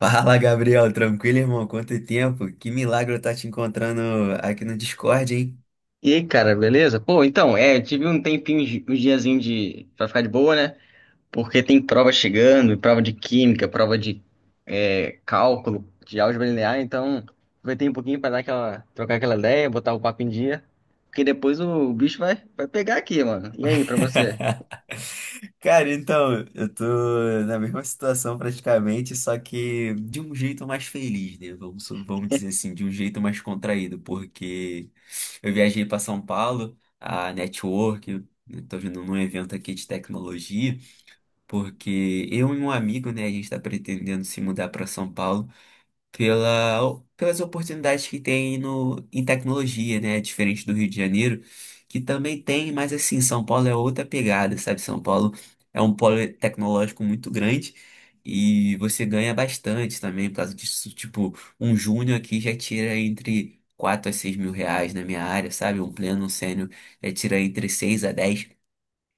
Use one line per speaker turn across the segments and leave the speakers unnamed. Fala, Gabriel. Tranquilo, irmão? Quanto tempo? Que milagre eu tá te encontrando aqui no Discord, hein?
E aí, cara, beleza? Eu tive um tempinho, um diazinho pra ficar de boa, né? Porque tem prova chegando, prova de química, prova de cálculo, de álgebra linear, então aproveitei um pouquinho pra dar trocar aquela ideia, botar o papo em dia, porque depois o bicho vai pegar aqui, mano. E aí, pra você?
Cara, então, eu tô na mesma situação praticamente, só que de um jeito mais feliz, né? Vamos dizer assim, de um jeito mais contraído, porque eu viajei para São Paulo, a Network, eu tô vindo num evento aqui de tecnologia, porque eu e um amigo, né, a gente tá pretendendo se mudar para São Paulo, pelas oportunidades que tem no, em tecnologia, né? Diferente do Rio de Janeiro, que também tem, mas assim, São Paulo é outra pegada, sabe? São Paulo é um polo tecnológico muito grande e você ganha bastante também por causa disso. Tipo, um júnior aqui já tira entre R$ 4 a 6 mil na minha área, sabe? Um pleno, um sênior já tira entre 6 a 10,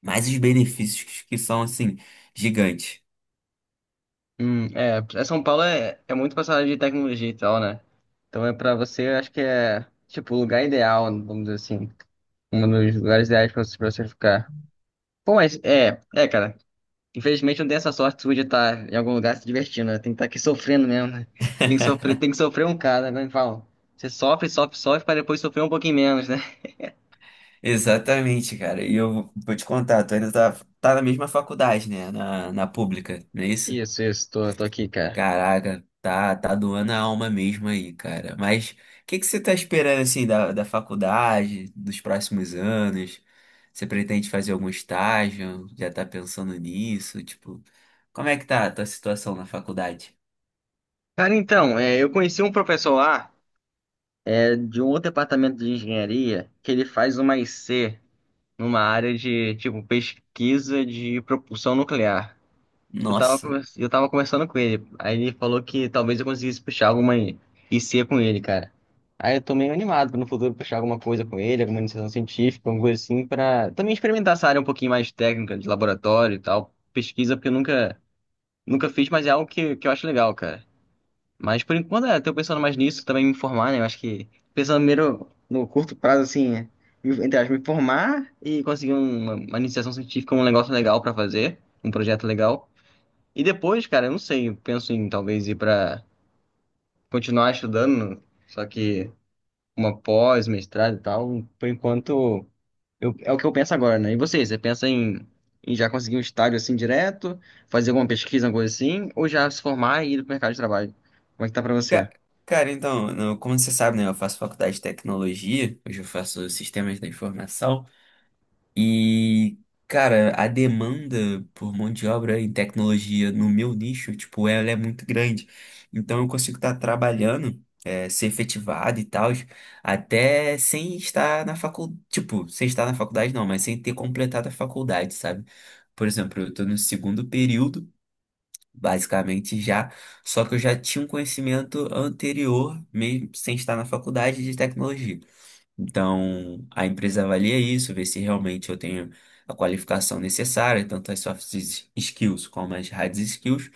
mais os benefícios que são, assim, gigantes.
São Paulo é muito passada de tecnologia e tal, né? Então é pra você, eu acho que é, tipo, o lugar ideal, vamos dizer assim, um dos lugares ideais pra você ficar. Bom, cara. Infelizmente não tem essa sorte sua de estar em algum lugar se divertindo, né? Tem que estar aqui sofrendo mesmo, né? Tem que sofrer um cara, né? Fala, você sofre, sofre, sofre para depois sofrer um pouquinho menos, né?
Exatamente, cara. E eu vou te contar, tá na mesma faculdade, né? Na pública, não é isso?
Isso, tô, tô aqui, cara.
Caraca, tá doando a alma mesmo aí, cara. Mas o que que você tá esperando, assim, da faculdade, dos próximos anos? Você pretende fazer algum estágio? Já tá pensando nisso? Tipo, como é que tá a tua situação na faculdade?
Eu conheci um professor lá, de um outro departamento de engenharia, que ele faz uma IC numa área de, tipo, pesquisa de propulsão nuclear. Eu tava,
Nossa.
eu tava conversando com ele. Aí ele falou que talvez eu conseguisse puxar alguma IC com ele, cara. Aí eu tô meio animado pra no futuro puxar alguma coisa com ele, alguma iniciação científica, alguma coisa assim, pra também experimentar essa área um pouquinho mais técnica, de laboratório e tal. Pesquisa, porque eu nunca fiz, mas é algo que eu acho legal, cara. Mas por enquanto, tô pensando mais nisso, também me formar, né? Eu acho que pensando primeiro no curto prazo, assim, entre aspas, me formar e conseguir uma iniciação científica, um negócio legal pra fazer, um projeto legal. E depois, cara, eu não sei, eu penso em talvez ir pra continuar estudando, só que uma pós, mestrado e tal, por enquanto é o que eu penso agora, né? E você, em já conseguir um estágio assim direto, fazer alguma pesquisa, alguma coisa assim, ou já se formar e ir pro mercado de trabalho? Como é que tá pra você?
Ca- Cara, então, como você sabe, né? Eu faço faculdade de tecnologia, hoje eu faço sistemas da informação. E, cara, a demanda por mão de obra em tecnologia no meu nicho, tipo, ela é muito grande. Então eu consigo estar trabalhando, ser efetivado e tal, até sem estar na faculdade, tipo, sem estar na faculdade não, mas sem ter completado a faculdade, sabe? Por exemplo, eu estou no segundo período, basicamente já, só que eu já tinha um conhecimento anterior, mesmo sem estar na faculdade de tecnologia. Então, a empresa avalia isso, vê se realmente eu tenho a qualificação necessária, tanto as skills como as hard skills.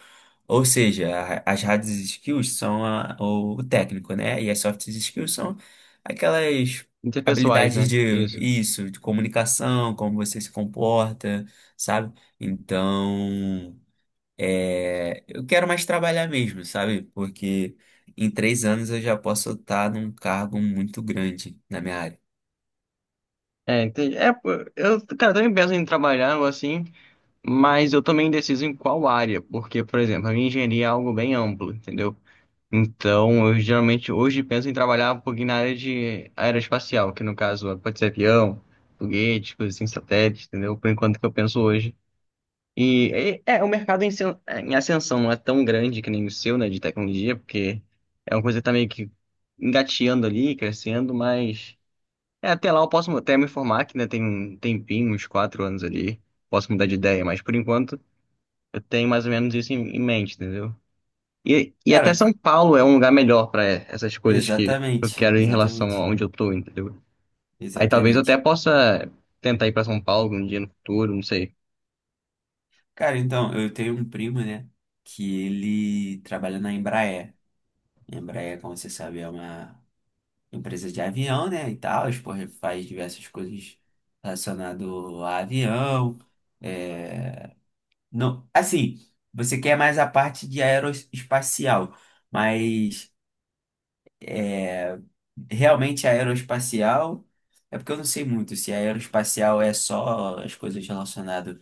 Ou seja, as hard skills são o técnico, né? E as soft skills são aquelas
Interpessoais,
habilidades
né?
de
Isso.
isso, de comunicação, como você se comporta, sabe? Então, é, eu quero mais trabalhar mesmo, sabe? Porque em 3 anos eu já posso estar num cargo muito grande na minha área.
É, entendi. Eu, cara, eu também penso em trabalhar algo assim, mas eu também indeciso em qual área, porque, por exemplo, a minha engenharia é algo bem amplo, entendeu? Então, eu geralmente hoje penso em trabalhar um pouquinho na área de aeroespacial, que no caso pode ser avião, foguete, coisas assim, satélite, entendeu? Por enquanto que eu penso hoje. E o mercado em ascensão não é tão grande que nem o seu, né, de tecnologia, porque é uma coisa que tá meio que engateando ali, crescendo, mas é, até lá eu posso até me informar que ainda tem um tempinho, uns quatro anos ali, posso mudar de ideia, mas por enquanto eu tenho mais ou menos isso em mente, entendeu? E até
Cara,
São Paulo é um lugar melhor para essas coisas que eu
exatamente,
quero em relação a
exatamente,
onde eu tô, entendeu? Aí talvez eu até
exatamente.
possa tentar ir para São Paulo um dia no futuro, não sei.
Cara, então, eu tenho um primo, né, que ele trabalha na Embraer. A Embraer, como você sabe, é uma empresa de avião, né, e tal, porra, faz diversas coisas relacionadas a avião. É... Não, assim, você quer mais a parte de aeroespacial, mas é... realmente aeroespacial... É porque eu não sei muito se aeroespacial é só as coisas relacionadas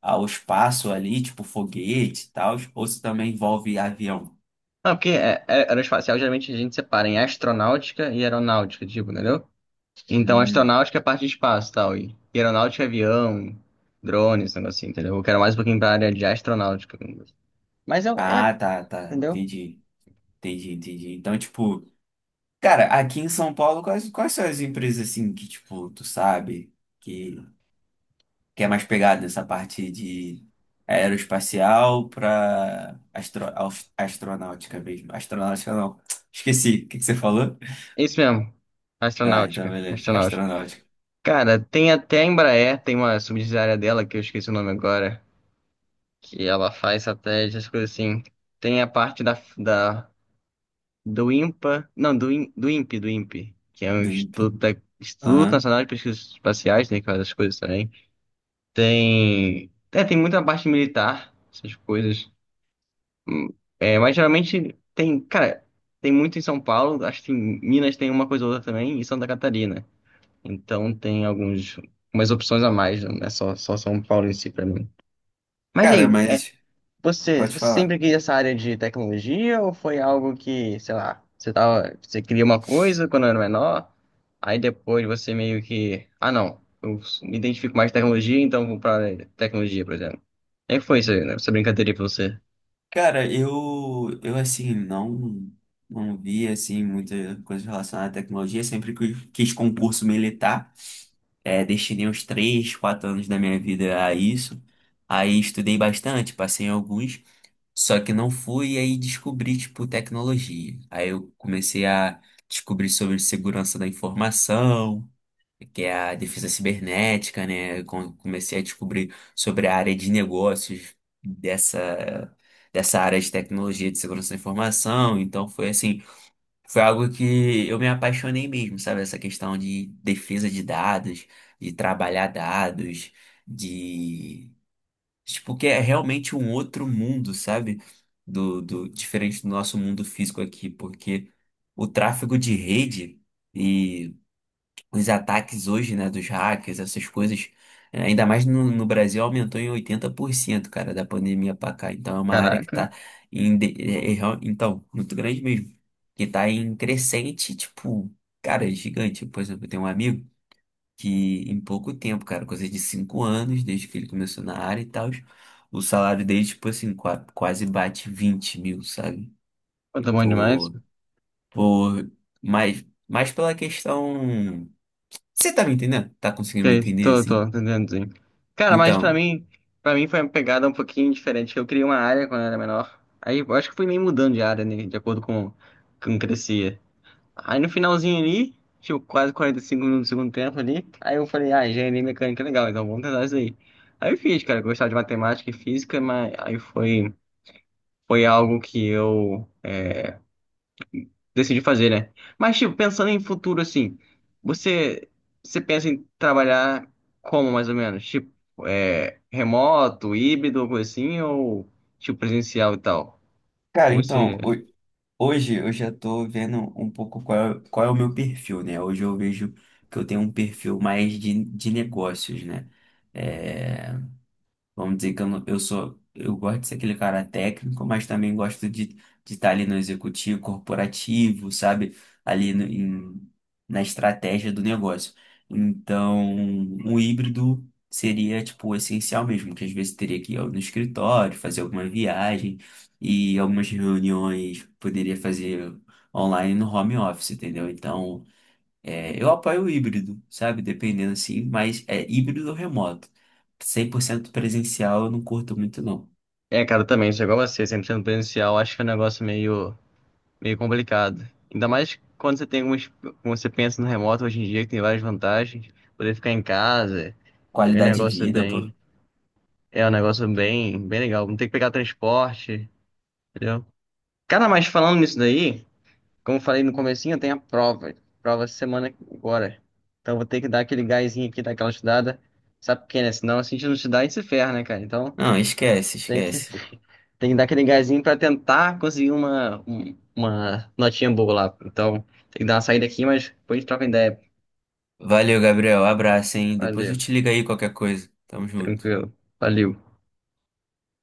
ao espaço ali, tipo foguete e tal, ou se também envolve avião.
Não, porque aeroespacial geralmente a gente separa em astronáutica e aeronáutica, tipo, entendeu? Então
Hum.
astronáutica é parte de espaço e tal, e aeronáutica é avião, drones, esse negócio assim, entendeu? Eu quero mais um pouquinho pra área de astronáutica. Mas é, é,
Ah, tá.
entendeu?
Entendi. Entendi. Então, tipo, cara, aqui em São Paulo, quais são as empresas assim que, tipo, tu sabe que, que é mais pegada nessa parte de aeroespacial pra astronáutica mesmo? Astronáutica não. Esqueci. O que que você falou?
É isso mesmo,
Ah, então
astronáutica,
beleza.
astronáutica.
Astronáutica.
Cara, tem até a Embraer, tem uma subsidiária dela, que eu esqueci o nome agora, que ela faz satélites, essas coisas assim. Tem a parte do INPA, não, do INPE, que é um
Do INPE.
Instituto, Instituto
Aham.
Nacional de Pesquisas Espaciais, né, que faz essas coisas também. Tem, é, tem muita parte militar, essas coisas. Hum, É, mas geralmente tem, cara, tem muito em São Paulo, acho que em Minas tem uma coisa ou outra também, e Santa Catarina. Então tem alguns, umas opções a mais, não é só, só São Paulo em si pra mim. Mas
Cara,
aí, é,
mas pode
você
falar.
sempre quis essa área de tecnologia ou foi algo que, sei lá, você tava, você queria uma coisa quando era menor, aí depois você meio que, ah não, eu me identifico mais com tecnologia, então vou pra área de tecnologia, por exemplo. Como é que foi isso aí, né? Essa brincadeira aí pra você?
Cara, eu assim, não vi, assim, muita coisa relacionada à tecnologia. Sempre que quis concurso militar, é, destinei uns 3 ou 4 anos da minha vida a isso. Aí estudei bastante, passei em alguns, só que não fui, e aí descobri, tipo, tecnologia. Aí eu comecei a descobrir sobre segurança da informação, que é a defesa cibernética, né? Comecei a descobrir sobre a área de negócios dessa, dessa área de tecnologia de segurança da informação. Então foi assim, foi algo que eu me apaixonei mesmo, sabe? Essa questão de defesa de dados, de trabalhar dados, de tipo que é realmente um outro mundo, sabe? Do diferente do nosso mundo físico aqui, porque o tráfego de rede e os ataques hoje, né, dos hackers, essas coisas, ainda mais no Brasil, aumentou em 80% cara, da pandemia pra cá. Então é uma área que tá
Caraca,
então, muito grande mesmo, que tá em crescente, tipo, cara, é gigante. Por exemplo, eu tenho um amigo que em pouco tempo, cara, coisa de 5 anos, desde que ele começou na área e tal, o salário dele, tipo assim, quase bate 20 mil, sabe?
pô,
E
tá bom demais.
por, mais pela questão, você tá me entendendo? Tá conseguindo me
Sei,
entender
tô, tô
assim?
entendendo, sim. Cara, mas
Então,
pra mim foi uma pegada um pouquinho diferente, que eu criei uma área quando eu era menor. Aí eu acho que fui meio mudando de área, né, de acordo com como crescia. Aí no finalzinho ali, tipo, quase 45 minutos do segundo tempo ali, aí eu falei, ah, engenharia mecânica é legal, então vamos tentar isso aí. Aí eu fiz, cara, eu gostava de matemática e física, mas aí foi, foi algo que eu decidi fazer, né? Mas, tipo, pensando em futuro, assim, você, você pensa em trabalhar como, mais ou menos? Tipo, remoto, híbrido, coisa assim, ou, tipo, presencial e tal?
cara,
Como você...
então, hoje eu já tô vendo um pouco qual é o meu perfil, né? Hoje eu vejo que eu tenho um perfil mais de negócios, né? Eh, vamos dizer que eu, não- eu sou, eu gosto de ser aquele cara técnico, mas também gosto de estar ali no executivo corporativo, sabe? Ali no- em- Na estratégia do negócio. Então, um híbrido seria, tipo, essencial mesmo, que às vezes teria que no escritório, fazer alguma viagem e algumas reuniões poderia fazer online no home office, entendeu? Então, é, eu apoio o híbrido, sabe? Dependendo assim, mas é híbrido ou remoto. 100% presencial eu não curto muito, não.
Eu também, isso é igual a você, sempre sendo presencial, acho que é um negócio meio complicado. Ainda mais quando você tem algumas... Quando você pensa no remoto hoje em dia, que tem várias vantagens, poder ficar em casa, é um
Qualidade de
negócio
vida, pô.
bem... É um negócio bem legal, não tem que pegar transporte, entendeu? Cara, mas falando nisso daí... Como eu falei no comecinho, eu tenho a prova. Prova essa semana agora. Então eu vou ter que dar aquele gásinho aqui, dar aquela estudada. Sabe por quê, né? Senão se a gente não estudar, a gente se ferra, né, cara? Então
Não, esquece,
tem que,
esquece.
tem que dar aquele gásinho pra tentar conseguir uma notinha boa lá. Então tem que dar uma saída aqui, mas depois a gente troca ideia.
Valeu, Gabriel. Abraço, hein? Depois eu
Valeu,
te ligo aí qualquer coisa. Tamo junto.
tranquilo. Valeu.